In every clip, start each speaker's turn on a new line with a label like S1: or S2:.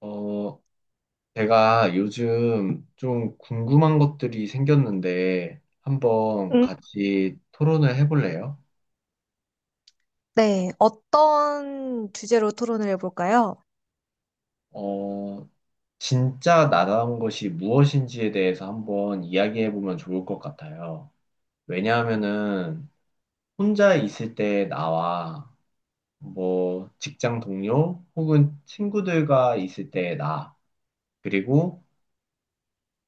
S1: 어, 제가 요즘 좀 궁금한 것들이 생겼는데 한번
S2: 음,
S1: 같이 토론을 해볼래요?
S2: 네, 어떤 주제로 토론을 해볼까요?
S1: 어, 진짜 나다운 것이 무엇인지에 대해서 한번 이야기해보면 좋을 것 같아요. 왜냐하면은 혼자 있을 때 나와 뭐 직장 동료 혹은 친구들과 있을 때 나, 그리고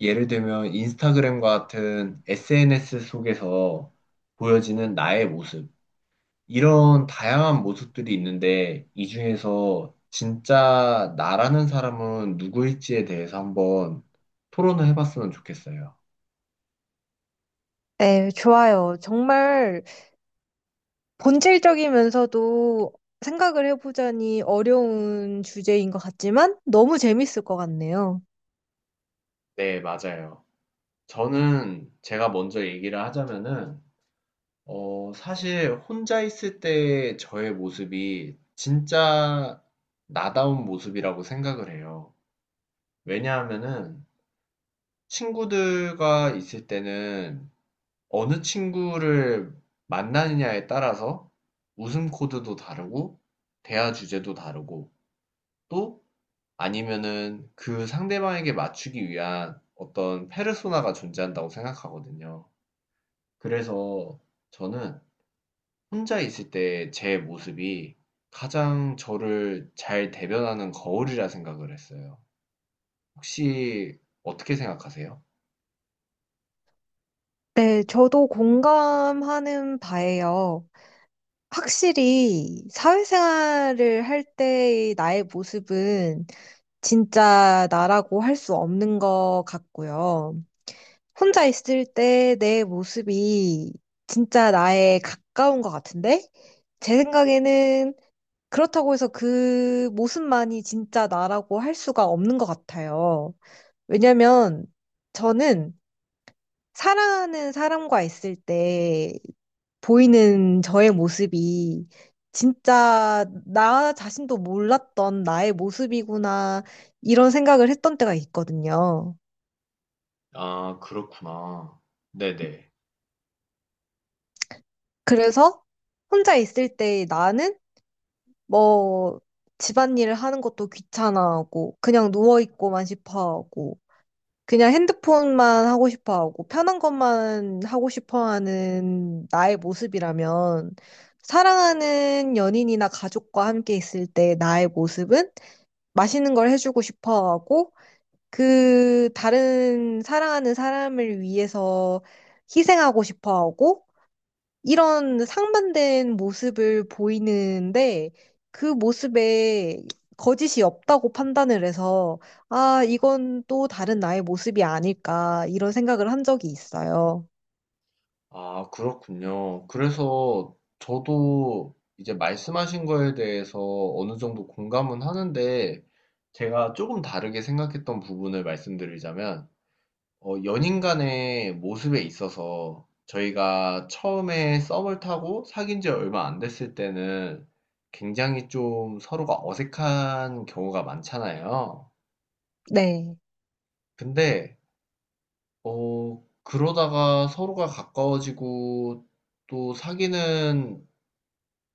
S1: 예를 들면 인스타그램 같은 SNS 속에서 보여지는 나의 모습, 이런 다양한 모습들이 있는데 이 중에서 진짜 나라는 사람은 누구일지에 대해서 한번 토론을 해봤으면 좋겠어요.
S2: 네, 좋아요. 정말 본질적이면서도 생각을 해보자니 어려운 주제인 것 같지만 너무 재밌을 것 같네요.
S1: 네, 맞아요. 저는 제가 먼저 얘기를 하자면은 사실 혼자 있을 때 저의 모습이 진짜 나다운 모습이라고 생각을 해요. 왜냐하면은 친구들과 있을 때는 어느 친구를 만나느냐에 따라서 웃음 코드도 다르고, 대화 주제도 다르고, 또 아니면은 그 상대방에게 맞추기 위한 어떤 페르소나가 존재한다고 생각하거든요. 그래서 저는 혼자 있을 때 제 모습이 가장 저를 잘 대변하는 거울이라 생각을 했어요. 혹시 어떻게 생각하세요?
S2: 네, 저도 공감하는 바예요. 확실히 사회생활을 할 때의 나의 모습은 진짜 나라고 할 수 없는 것 같고요. 혼자 있을 때 내 모습이 진짜 나에 가까운 것 같은데? 제 생각에는 그렇다고 해서 그 모습만이 진짜 나라고 할 수가 없는 것 같아요. 왜냐면 저는 사랑하는 사람과 있을 때 보이는 저의 모습이 진짜 나 자신도 몰랐던 나의 모습이구나, 이런 생각을 했던 때가 있거든요.
S1: 아, 그렇구나. 네네.
S2: 그래서 혼자 있을 때 나는 뭐 집안일을 하는 것도 귀찮아하고 그냥 누워있고만 싶어하고 그냥 핸드폰만 하고 싶어하고 편한 것만 하고 싶어하는 나의 모습이라면, 사랑하는 연인이나 가족과 함께 있을 때 나의 모습은 맛있는 걸 해주고 싶어하고 그 다른 사랑하는 사람을 위해서 희생하고 싶어하고 이런 상반된 모습을 보이는데, 그 모습에 거짓이 없다고 판단을 해서 아, 이건 또 다른 나의 모습이 아닐까, 이런 생각을 한 적이 있어요.
S1: 아, 그렇군요. 그래서 저도 이제 말씀하신 거에 대해서 어느 정도 공감은 하는데, 제가 조금 다르게 생각했던 부분을 말씀드리자면, 연인 간의 모습에 있어서 저희가 처음에 썸을 타고 사귄 지 얼마 안 됐을 때는 굉장히 좀 서로가 어색한 경우가 많잖아요.
S2: 네.
S1: 근데, 그러다가 서로가 가까워지고 또 사귀는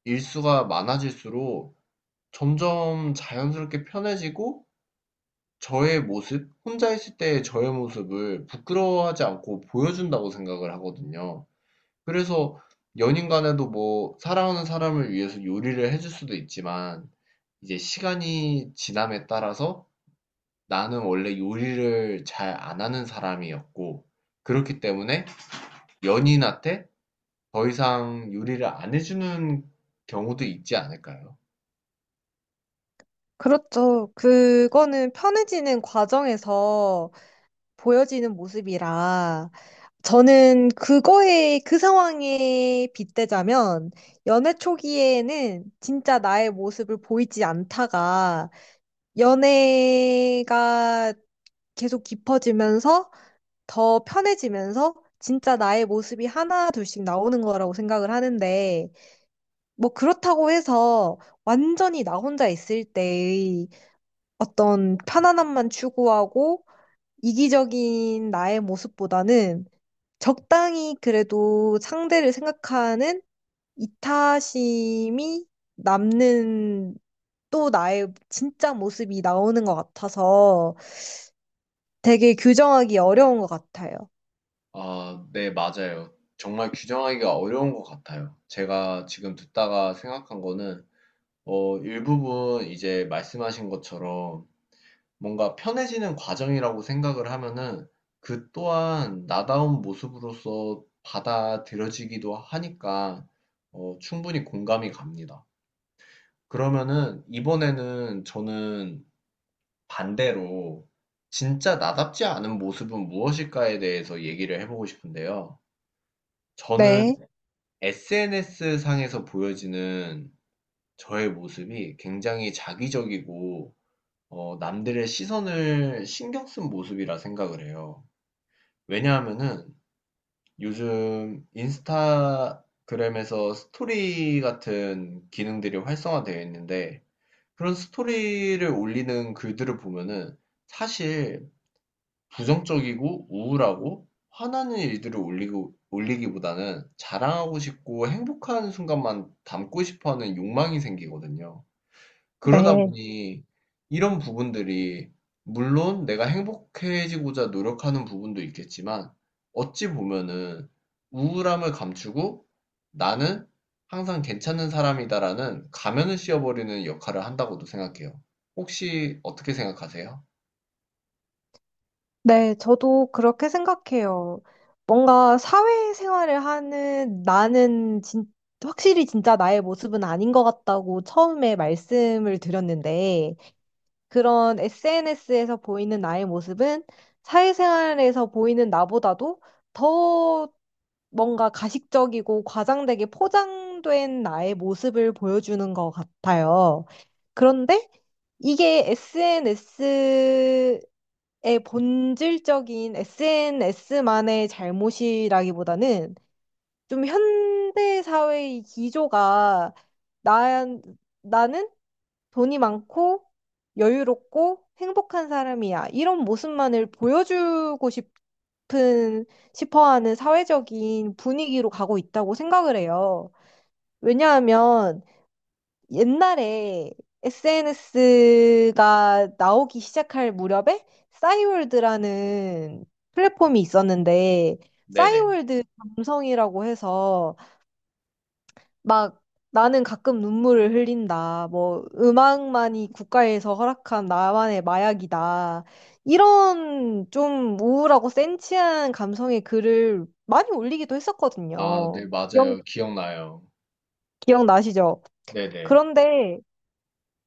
S1: 일수가 많아질수록 점점 자연스럽게 편해지고 저의 모습, 혼자 있을 때의 저의 모습을 부끄러워하지 않고 보여준다고 생각을 하거든요. 그래서 연인 간에도 뭐 사랑하는 사람을 위해서 요리를 해줄 수도 있지만 이제 시간이 지남에 따라서 나는 원래 요리를 잘 안 하는 사람이었고 그렇기 때문에 연인한테 더 이상 요리를 안 해주는 경우도 있지 않을까요?
S2: 그렇죠. 그거는 편해지는 과정에서 보여지는 모습이라, 저는 그거에 그 상황에 빗대자면 연애 초기에는 진짜 나의 모습을 보이지 않다가 연애가 계속 깊어지면서 더 편해지면서 진짜 나의 모습이 하나 둘씩 나오는 거라고 생각을 하는데, 뭐 그렇다고 해서 완전히 나 혼자 있을 때의 어떤 편안함만 추구하고 이기적인 나의 모습보다는 적당히 그래도 상대를 생각하는 이타심이 남는 또 나의 진짜 모습이 나오는 것 같아서 되게 규정하기 어려운 것 같아요.
S1: 아, 네, 맞아요. 정말 규정하기가 어려운 것 같아요. 제가 지금 듣다가 생각한 거는, 일부분 이제 말씀하신 것처럼 뭔가 편해지는 과정이라고 생각을 하면은 그 또한 나다운 모습으로서 받아들여지기도 하니까, 충분히 공감이 갑니다. 그러면은 이번에는 저는 반대로 진짜 나답지 않은 모습은 무엇일까에 대해서 얘기를 해보고 싶은데요. 저는
S2: 네,
S1: SNS 상에서 보여지는 저의 모습이 굉장히 자기적이고 남들의 시선을 신경 쓴 모습이라 생각을 해요. 왜냐하면은 요즘 인스타그램에서 스토리 같은 기능들이 활성화되어 있는데 그런 스토리를 올리는 글들을 보면은 사실 부정적이고 우울하고 화나는 일들을 올리고, 올리기보다는 자랑하고 싶고 행복한 순간만 담고 싶어 하는 욕망이 생기거든요. 그러다
S2: 네,
S1: 보니 이런 부분들이 물론 내가 행복해지고자 노력하는 부분도 있겠지만 어찌 보면은 우울함을 감추고 나는 항상 괜찮은 사람이다라는 가면을 씌워버리는 역할을 한다고도 생각해요. 혹시 어떻게 생각하세요?
S2: 네, 저도 그렇게 생각해요. 뭔가 사회생활을 하는 나는 확실히 진짜 나의 모습은 아닌 것 같다고 처음에 말씀을 드렸는데, 그런 SNS에서 보이는 나의 모습은 사회생활에서 보이는 나보다도 더 뭔가 가식적이고 과장되게 포장된 나의 모습을 보여주는 것 같아요. 그런데 이게 SNS의 본질적인 SNS만의 잘못이라기보다는 좀 현대 사회의 기조가 나, 나는 돈이 많고 여유롭고 행복한 사람이야, 이런 모습만을 보여주고 싶어 하는 사회적인 분위기로 가고 있다고 생각을 해요. 왜냐하면 옛날에 SNS가 나오기 시작할 무렵에 싸이월드라는 플랫폼이 있었는데
S1: 네네.
S2: 싸이월드 감성이라고 해서 막 나는 가끔 눈물을 흘린다, 뭐 음악만이 국가에서 허락한 나만의 마약이다, 이런 좀 우울하고 센치한 감성의 글을 많이 올리기도
S1: 아, 네,
S2: 했었거든요. 기억,
S1: 맞아요. 기억나요.
S2: 기억나시죠?
S1: 네네,
S2: 그런데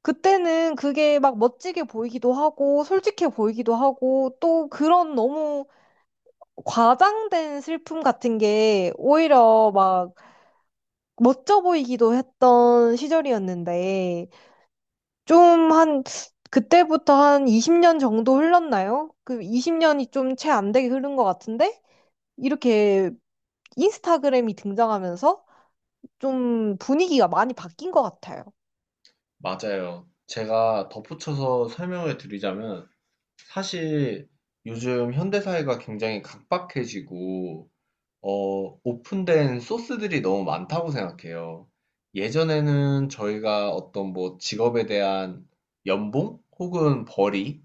S2: 그때는 그게 막 멋지게 보이기도 하고, 솔직해 보이기도 하고, 또 그런 너무 과장된 슬픔 같은 게 오히려 막 멋져 보이기도 했던 시절이었는데, 좀 한, 그때부터 한 20년 정도 흘렀나요? 그 20년이 좀 채 안 되게 흐른 것 같은데, 이렇게 인스타그램이 등장하면서 좀 분위기가 많이 바뀐 것 같아요.
S1: 맞아요. 제가 덧붙여서 설명을 드리자면, 사실 요즘 현대사회가 굉장히 각박해지고, 오픈된 소스들이 너무 많다고 생각해요. 예전에는 저희가 어떤 뭐 직업에 대한 연봉 혹은 벌이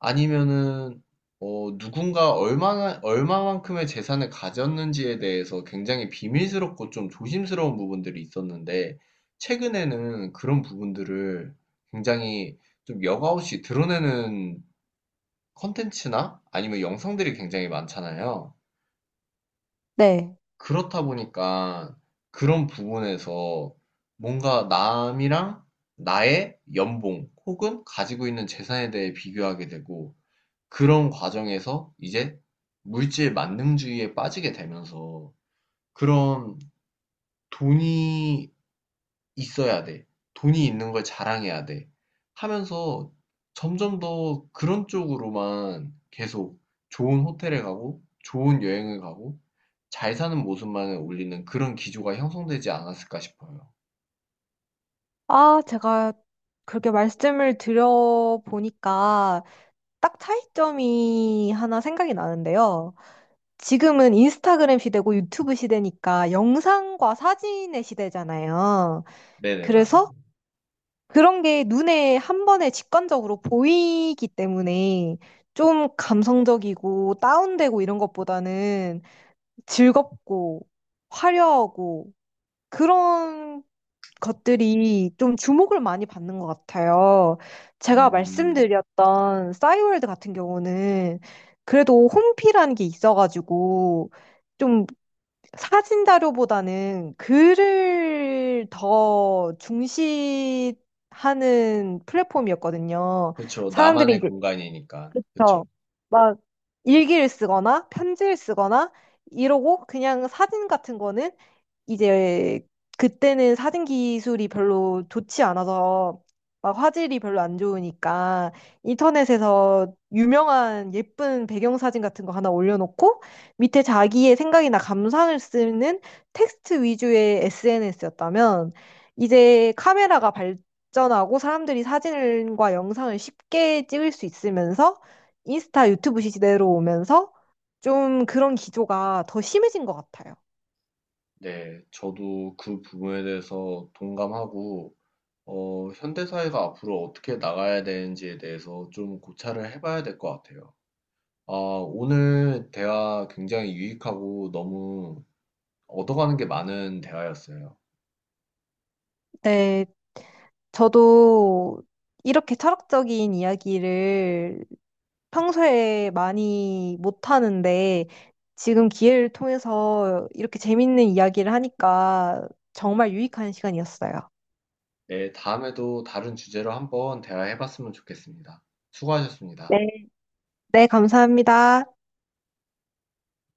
S1: 아니면은 누군가 얼마나 얼마만큼의 재산을 가졌는지에 대해서 굉장히 비밀스럽고 좀 조심스러운 부분들이 있었는데 최근에는 그런 부분들을 굉장히 좀 여과없이 드러내는 컨텐츠나 아니면 영상들이 굉장히 많잖아요.
S2: 네.
S1: 그렇다 보니까 그런 부분에서 뭔가 남이랑 나의 연봉 혹은 가지고 있는 재산에 대해 비교하게 되고 그런 과정에서 이제 물질 만능주의에 빠지게 되면서 그런 돈이 있어야 돼. 돈이 있는 걸 자랑해야 돼. 하면서 점점 더 그런 쪽으로만 계속 좋은 호텔에 가고 좋은 여행을 가고 잘 사는 모습만을 올리는 그런 기조가 형성되지 않았을까 싶어요.
S2: 아, 제가 그렇게 말씀을 드려보니까 딱 차이점이 하나 생각이 나는데요. 지금은 인스타그램 시대고 유튜브 시대니까 영상과 사진의 시대잖아요.
S1: 네네,
S2: 그래서
S1: 맞아요.
S2: 그런 게 눈에 한 번에 직관적으로 보이기 때문에 좀 감성적이고 다운되고 이런 것보다는 즐겁고 화려하고 그런 것들이 좀 주목을 많이 받는 것 같아요. 제가
S1: 음,
S2: 말씀드렸던 싸이월드 같은 경우는 그래도 홈피라는 게 있어가지고 좀 사진 자료보다는 글을 더 중시하는 플랫폼이었거든요.
S1: 그쵸.
S2: 사람들이
S1: 나만의
S2: 이제
S1: 공간이니까. 그쵸.
S2: 저막 일기를 쓰거나 편지를 쓰거나 이러고 그냥 사진 같은 거는 이제 그때는 사진 기술이 별로 좋지 않아서 막 화질이 별로 안 좋으니까 인터넷에서 유명한 예쁜 배경 사진 같은 거 하나 올려놓고 밑에 자기의 생각이나 감상을 쓰는 텍스트 위주의 SNS였다면, 이제 카메라가 발전하고 사람들이 사진과 영상을 쉽게 찍을 수 있으면서 인스타, 유튜브 시대로 오면서 좀 그런 기조가 더 심해진 것 같아요.
S1: 네, 저도 그 부분에 대해서 동감하고 현대사회가 앞으로 어떻게 나가야 되는지에 대해서 좀 고찰을 해봐야 될 것 같아요. 아, 오늘 대화 굉장히 유익하고 너무 얻어가는 게 많은 대화였어요.
S2: 네. 저도 이렇게 철학적인 이야기를 평소에 많이 못하는데 지금 기회를 통해서 이렇게 재밌는 이야기를 하니까 정말 유익한 시간이었어요.
S1: 네, 다음에도 다른 주제로 한번 대화해봤으면 좋겠습니다. 수고하셨습니다.
S2: 네. 네, 감사합니다.